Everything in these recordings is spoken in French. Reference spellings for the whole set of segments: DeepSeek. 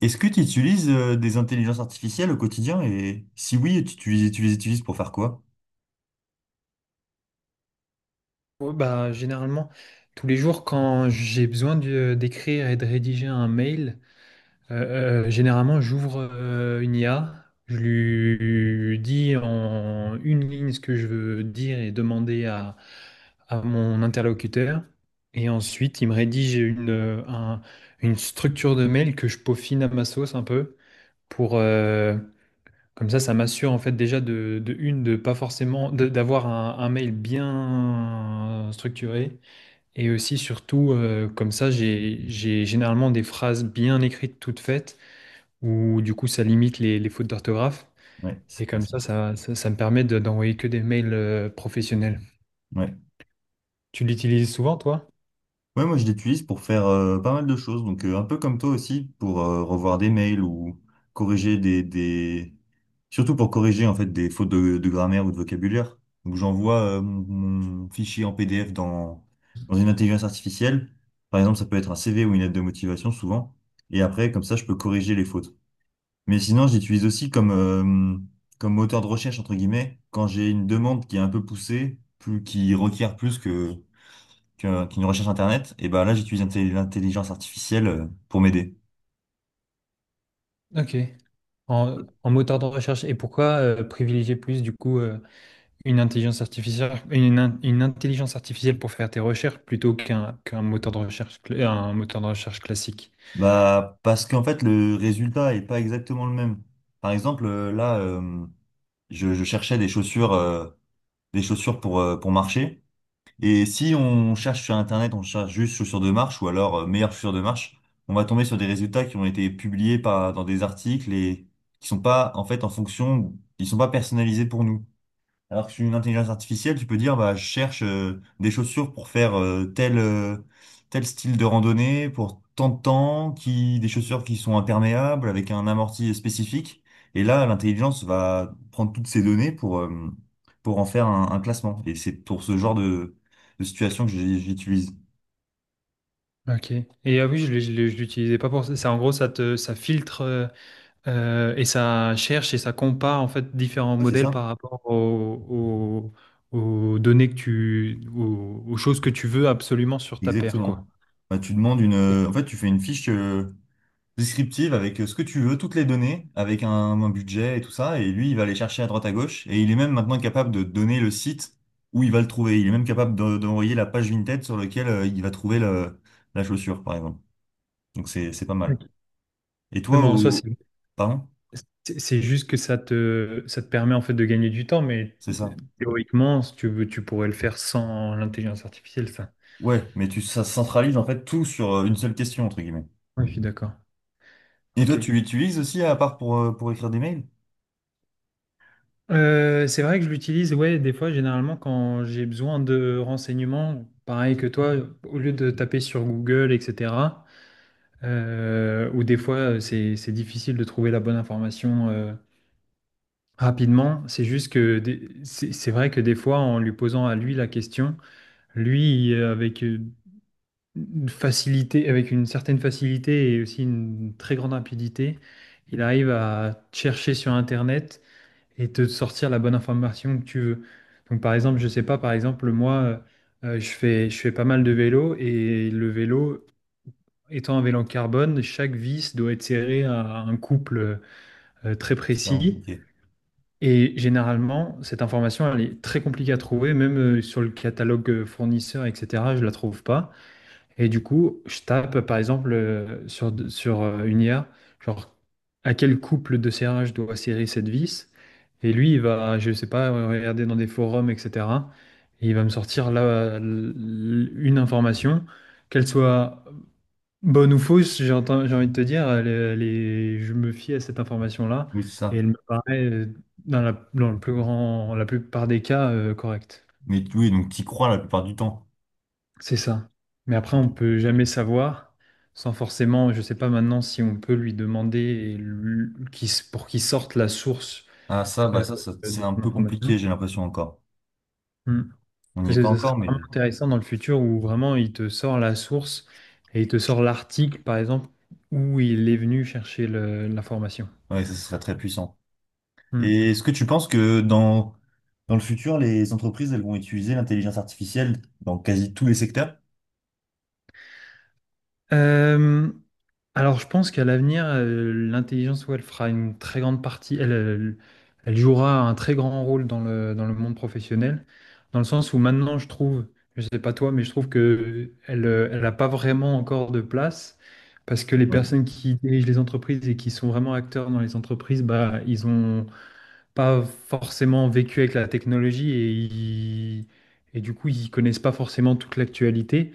Est-ce que tu utilises des intelligences artificielles au quotidien? Et si oui, tu les utilises pour faire quoi? Ouais, bah, généralement, tous les jours, quand j'ai besoin d'écrire et de rédiger un mail, généralement, j'ouvre une IA, je lui dis en une ligne ce que je veux dire et demander à mon interlocuteur. Et ensuite, il me rédige une structure de mail que je peaufine à ma sauce un peu pour... euh, comme ça m'assure en fait déjà de une, de pas forcément, d'avoir un mail bien structuré et aussi, surtout, comme ça, j'ai généralement des phrases bien écrites, toutes faites, où du coup, ça limite les fautes d'orthographe. Ouais, Et c'est pas comme ça. ça me permet d'envoyer que des mails professionnels. Ouais. Tu l'utilises souvent, toi? Ouais, moi je l'utilise pour faire pas mal de choses. Donc un peu comme toi aussi, pour revoir des mails ou corriger Surtout pour corriger en fait des fautes de grammaire ou de vocabulaire. Donc j'envoie mon fichier en PDF dans une intelligence artificielle. Par exemple, ça peut être un CV ou une lettre de motivation souvent. Et après, comme ça, je peux corriger les fautes. Mais sinon, j'utilise aussi comme moteur de recherche, entre guillemets, quand j'ai une demande qui est un peu poussée, plus, qui requiert qu'une recherche Internet, et ben là, j'utilise l'intelligence artificielle pour m'aider. Ok. En moteur de recherche. Et pourquoi privilégier plus, du coup, une intelligence artificielle, une intelligence artificielle pour faire tes recherches plutôt qu'un moteur de recherche, un moteur de recherche classique? Bah, parce qu'en fait, le résultat est pas exactement le même. Par exemple, là, je cherchais des chaussures pour marcher. Et si on cherche sur Internet, on cherche juste chaussures de marche ou alors meilleures chaussures de marche, on va tomber sur des résultats qui ont été publiés par, dans des articles et qui sont pas, en fait, en fonction, ils sont pas personnalisés pour nous. Alors que sur une intelligence artificielle, tu peux dire, bah, je cherche des chaussures pour faire tel style de randonnée, pour tant de temps, qui, des chaussures qui sont imperméables, avec un amorti spécifique. Et là, l'intelligence va prendre toutes ces données pour en faire un classement. Et c'est pour ce genre de situation que j'utilise. Ouais, Ok. Et ah oui, je l'utilisais pas pour ça. En gros, ça filtre. Et ça cherche et ça compare en fait différents c'est modèles ça. par rapport aux données aux choses que tu veux absolument sur ta paire, Exactement. quoi. Bah, tu demandes Ok. En fait, tu fais une fiche. Descriptive avec ce que tu veux, toutes les données, avec un budget et tout ça. Et lui, il va aller chercher à droite à gauche. Et il est même maintenant capable de donner le site où il va le trouver. Il est même capable d'envoyer la page Vinted sur laquelle il va trouver la chaussure, par exemple. Donc c'est pas mal. Ok. Et Oui, toi, mais en soi, c'est au... Pardon? c'est- c'est juste que ça te permet en fait de gagner du temps, mais C'est ça. théoriquement, si tu veux, tu pourrais le faire sans l'intelligence artificielle, ça. Ouais, mais tu, ça centralise en fait tout sur une seule question, entre guillemets. Oui, je suis d'accord. Et Ok. toi, tu l'utilises aussi à part pour écrire des mails? C'est vrai que je l'utilise, ouais, des fois, généralement, quand j'ai besoin de renseignements, pareil que toi, au lieu de taper sur Google, etc. Ou des fois c'est difficile de trouver la bonne information rapidement. C'est juste que c'est vrai que des fois en lui posant à lui la question, lui, avec une facilité, avec une certaine facilité et aussi une très grande rapidité, il arrive à chercher sur Internet et te sortir la bonne information que tu veux. Donc par exemple, je sais pas, par exemple moi. Je fais pas mal de vélo et le vélo, étant un vélo en carbone, chaque vis doit être serrée à un couple très Différent, précis. ok. Et généralement, cette information, elle est très compliquée à trouver, même sur le catalogue fournisseur, etc. Je la trouve pas. Et du coup, je tape, par exemple, sur une IA, genre à quel couple de serrage doit serrer cette vis. Et lui, il va, je sais pas, regarder dans des forums, etc. Et il va me sortir là, une information, qu'elle soit bonne ou fausse, j'ai envie de te dire, je me fie à cette information-là Oui, c'est et ça. elle me paraît, dans le plus grand, la plupart des cas, correcte. Mais oui, donc tu y crois la plupart du temps. C'est ça. Mais après, Ok. on peut jamais savoir sans forcément, je sais pas maintenant si on peut lui demander et lui- qu'il pour qu'il sorte la source Ah ça, bah euh, ça, ça- c'est de un son peu compliqué, information. j'ai l'impression encore. Hmm. On n'y Parce est que pas ce serait encore, vraiment mais intéressant dans le futur où vraiment il te sort la source et il te sort l'article, par exemple, où il est venu chercher l'information. ouais, ça serait très puissant. Hmm. Et est-ce que tu penses que dans le futur, les entreprises, elles vont utiliser l'intelligence artificielle dans quasi tous les secteurs? Euh, alors, je pense qu'à l'avenir, l'intelligence, ouais, elle fera une très grande partie, elle jouera un très grand rôle dans le monde professionnel, dans le sens où maintenant, je trouve, je sais pas toi, mais je trouve que elle n'a pas vraiment encore de place, parce que les Ouais, personnes qui dirigent les entreprises et qui sont vraiment acteurs dans les entreprises, bah, ils ont pas forcément vécu avec la technologie et du coup, ils connaissent pas forcément toute l'actualité.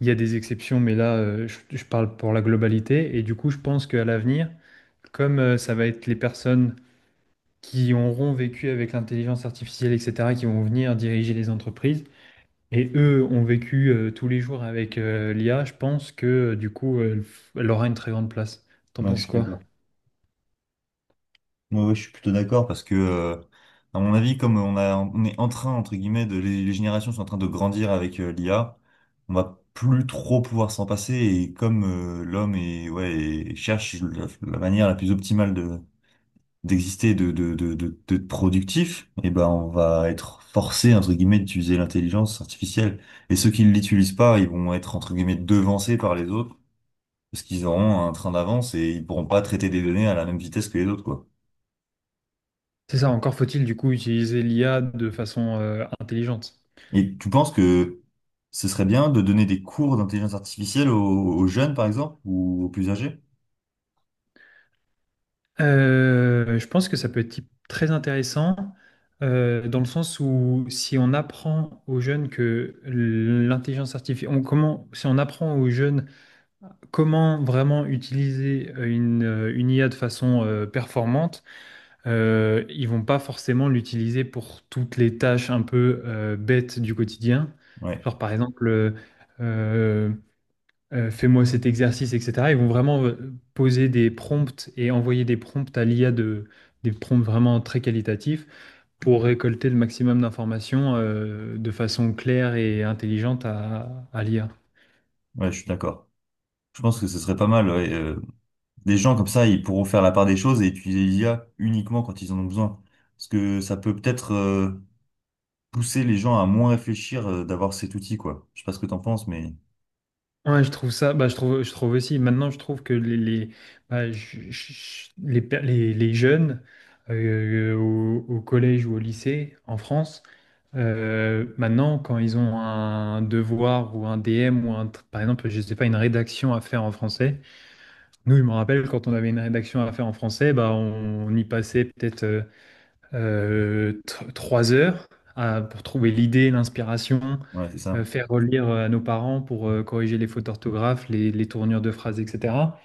Il y a des exceptions, mais là, je parle pour la globalité. Et du coup, je pense qu'à l'avenir, comme ça va être les personnes qui auront vécu avec l'intelligence artificielle, etc., qui vont venir diriger les entreprises, et eux ont vécu tous les jours avec l'IA, je pense que du coup, elle, aura une très grande place. T'en ouais, je penses suis quoi? d'accord. Ouais, ouais, je suis plutôt d'accord parce que, à mon avis, comme on a, on est en train, entre guillemets, de, les générations sont en train de grandir avec l'IA, on va plus trop pouvoir s'en passer et comme l'homme est, ouais, et cherche la manière la plus optimale de, d'exister, d'être productif, et ben, on va être forcé, entre guillemets, d'utiliser l'intelligence artificielle. Et ceux qui ne l'utilisent pas, ils vont être, entre guillemets, devancés par les autres parce qu'ils auront un train d'avance et ils pourront pas traiter des données à la même vitesse que les autres, quoi. C'est ça, encore faut-il du coup utiliser l'IA de façon intelligente. Et tu penses que ce serait bien de donner des cours d'intelligence artificielle aux jeunes, par exemple, ou aux plus âgés? Je pense que ça peut être très intéressant dans le sens où si on apprend aux jeunes que l'intelligence artificielle, comment, si on apprend aux jeunes comment vraiment utiliser une IA de façon performante, ils vont pas forcément l'utiliser pour toutes les tâches un peu bêtes du quotidien. Ouais, Genre par exemple, euh, fais-moi cet exercice, etc. Ils vont vraiment poser des prompts et envoyer des prompts à l'IA des prompts vraiment très qualitatifs pour récolter le maximum d'informations de façon claire et intelligente à l'IA. ouais, je suis d'accord. Je pense que ce serait pas mal. Ouais, des gens comme ça, ils pourront faire la part des choses et utiliser l'IA uniquement quand ils en ont besoin. Parce que ça peut peut-être pousser les gens à moins réfléchir d'avoir cet outil, quoi. Je sais pas ce que t'en penses, mais Ouais, je trouve ça, bah, je trouve aussi, maintenant je trouve que bah, les jeunes au collège ou au lycée en France, maintenant quand ils ont un devoir ou un DM ou par exemple, je sais pas, une rédaction à faire en français, nous, je me rappelle quand on avait une rédaction à faire en français, bah, on y passait peut-être trois heures pour trouver l'idée, l'inspiration, ouais, c'est ça. faire relire à nos parents pour corriger les fautes d'orthographe, les tournures de phrases, etc.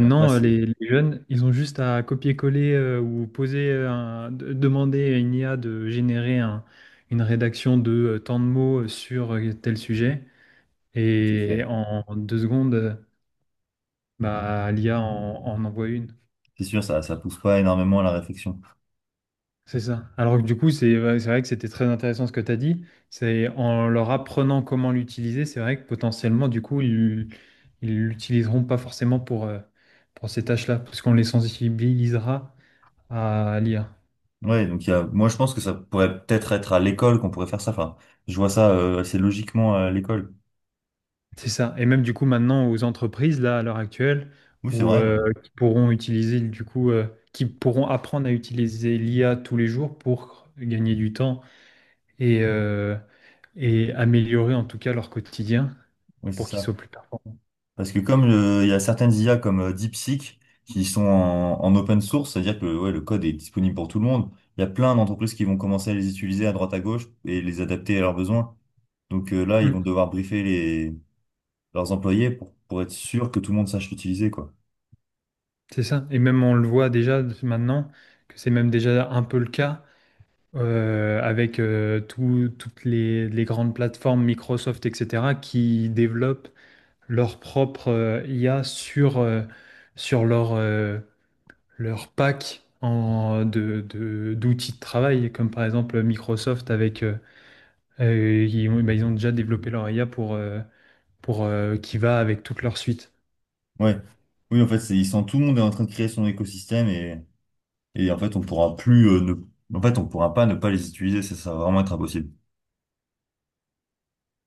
Après, les jeunes, ils ont juste à copier-coller ou poser, demander à une IA de générer une rédaction de tant de mots sur tel sujet. c'est Et vrai. en deux secondes, bah, l'IA en envoie une. C'est sûr, ça pousse pas énormément à la réflexion. C'est ça. Alors que du coup, c'est ouais, c'est vrai que c'était très intéressant ce que tu as dit. C'est en leur apprenant comment l'utiliser, c'est vrai que potentiellement, du coup, ils l'utiliseront pas forcément pour ces tâches-là, parce qu'on les sensibilisera à l'IA. Ouais, donc il y a, moi je pense que ça pourrait peut-être être à l'école qu'on pourrait faire ça. Enfin, je vois ça assez logiquement à l'école. C'est ça. Et même du coup, maintenant, aux entreprises, là, à l'heure actuelle, Oui, c'est où, vrai. euh, D'ailleurs. Qui pourront apprendre à utiliser l'IA tous les jours pour gagner du temps et, euh, et améliorer en tout cas leur quotidien Oui, pour c'est qu'ils ça. soient plus performants. Parce que comme il y a certaines IA comme DeepSeek qui sont en open source, c'est-à-dire que ouais, le code est disponible pour tout le monde. Il y a plein d'entreprises qui vont commencer à les utiliser à droite à gauche et les adapter à leurs besoins. Donc là, ils vont Mmh. devoir briefer leurs employés pour être sûr que tout le monde sache l'utiliser, quoi. C'est ça. Et même on le voit déjà maintenant, que c'est même déjà un peu le cas avec toutes les grandes plateformes, Microsoft, etc., qui développent leur propre IA sur leur pack d'outils de travail, comme par exemple Microsoft avec bah, ils ont déjà développé leur IA pour qui va avec toute leur suite. Ouais. Oui, en fait, c'est, ils sont, tout le monde est en train de créer son écosystème et en fait, on pourra plus, ne... en fait, on pourra pas ne pas les utiliser. Ça va vraiment être impossible.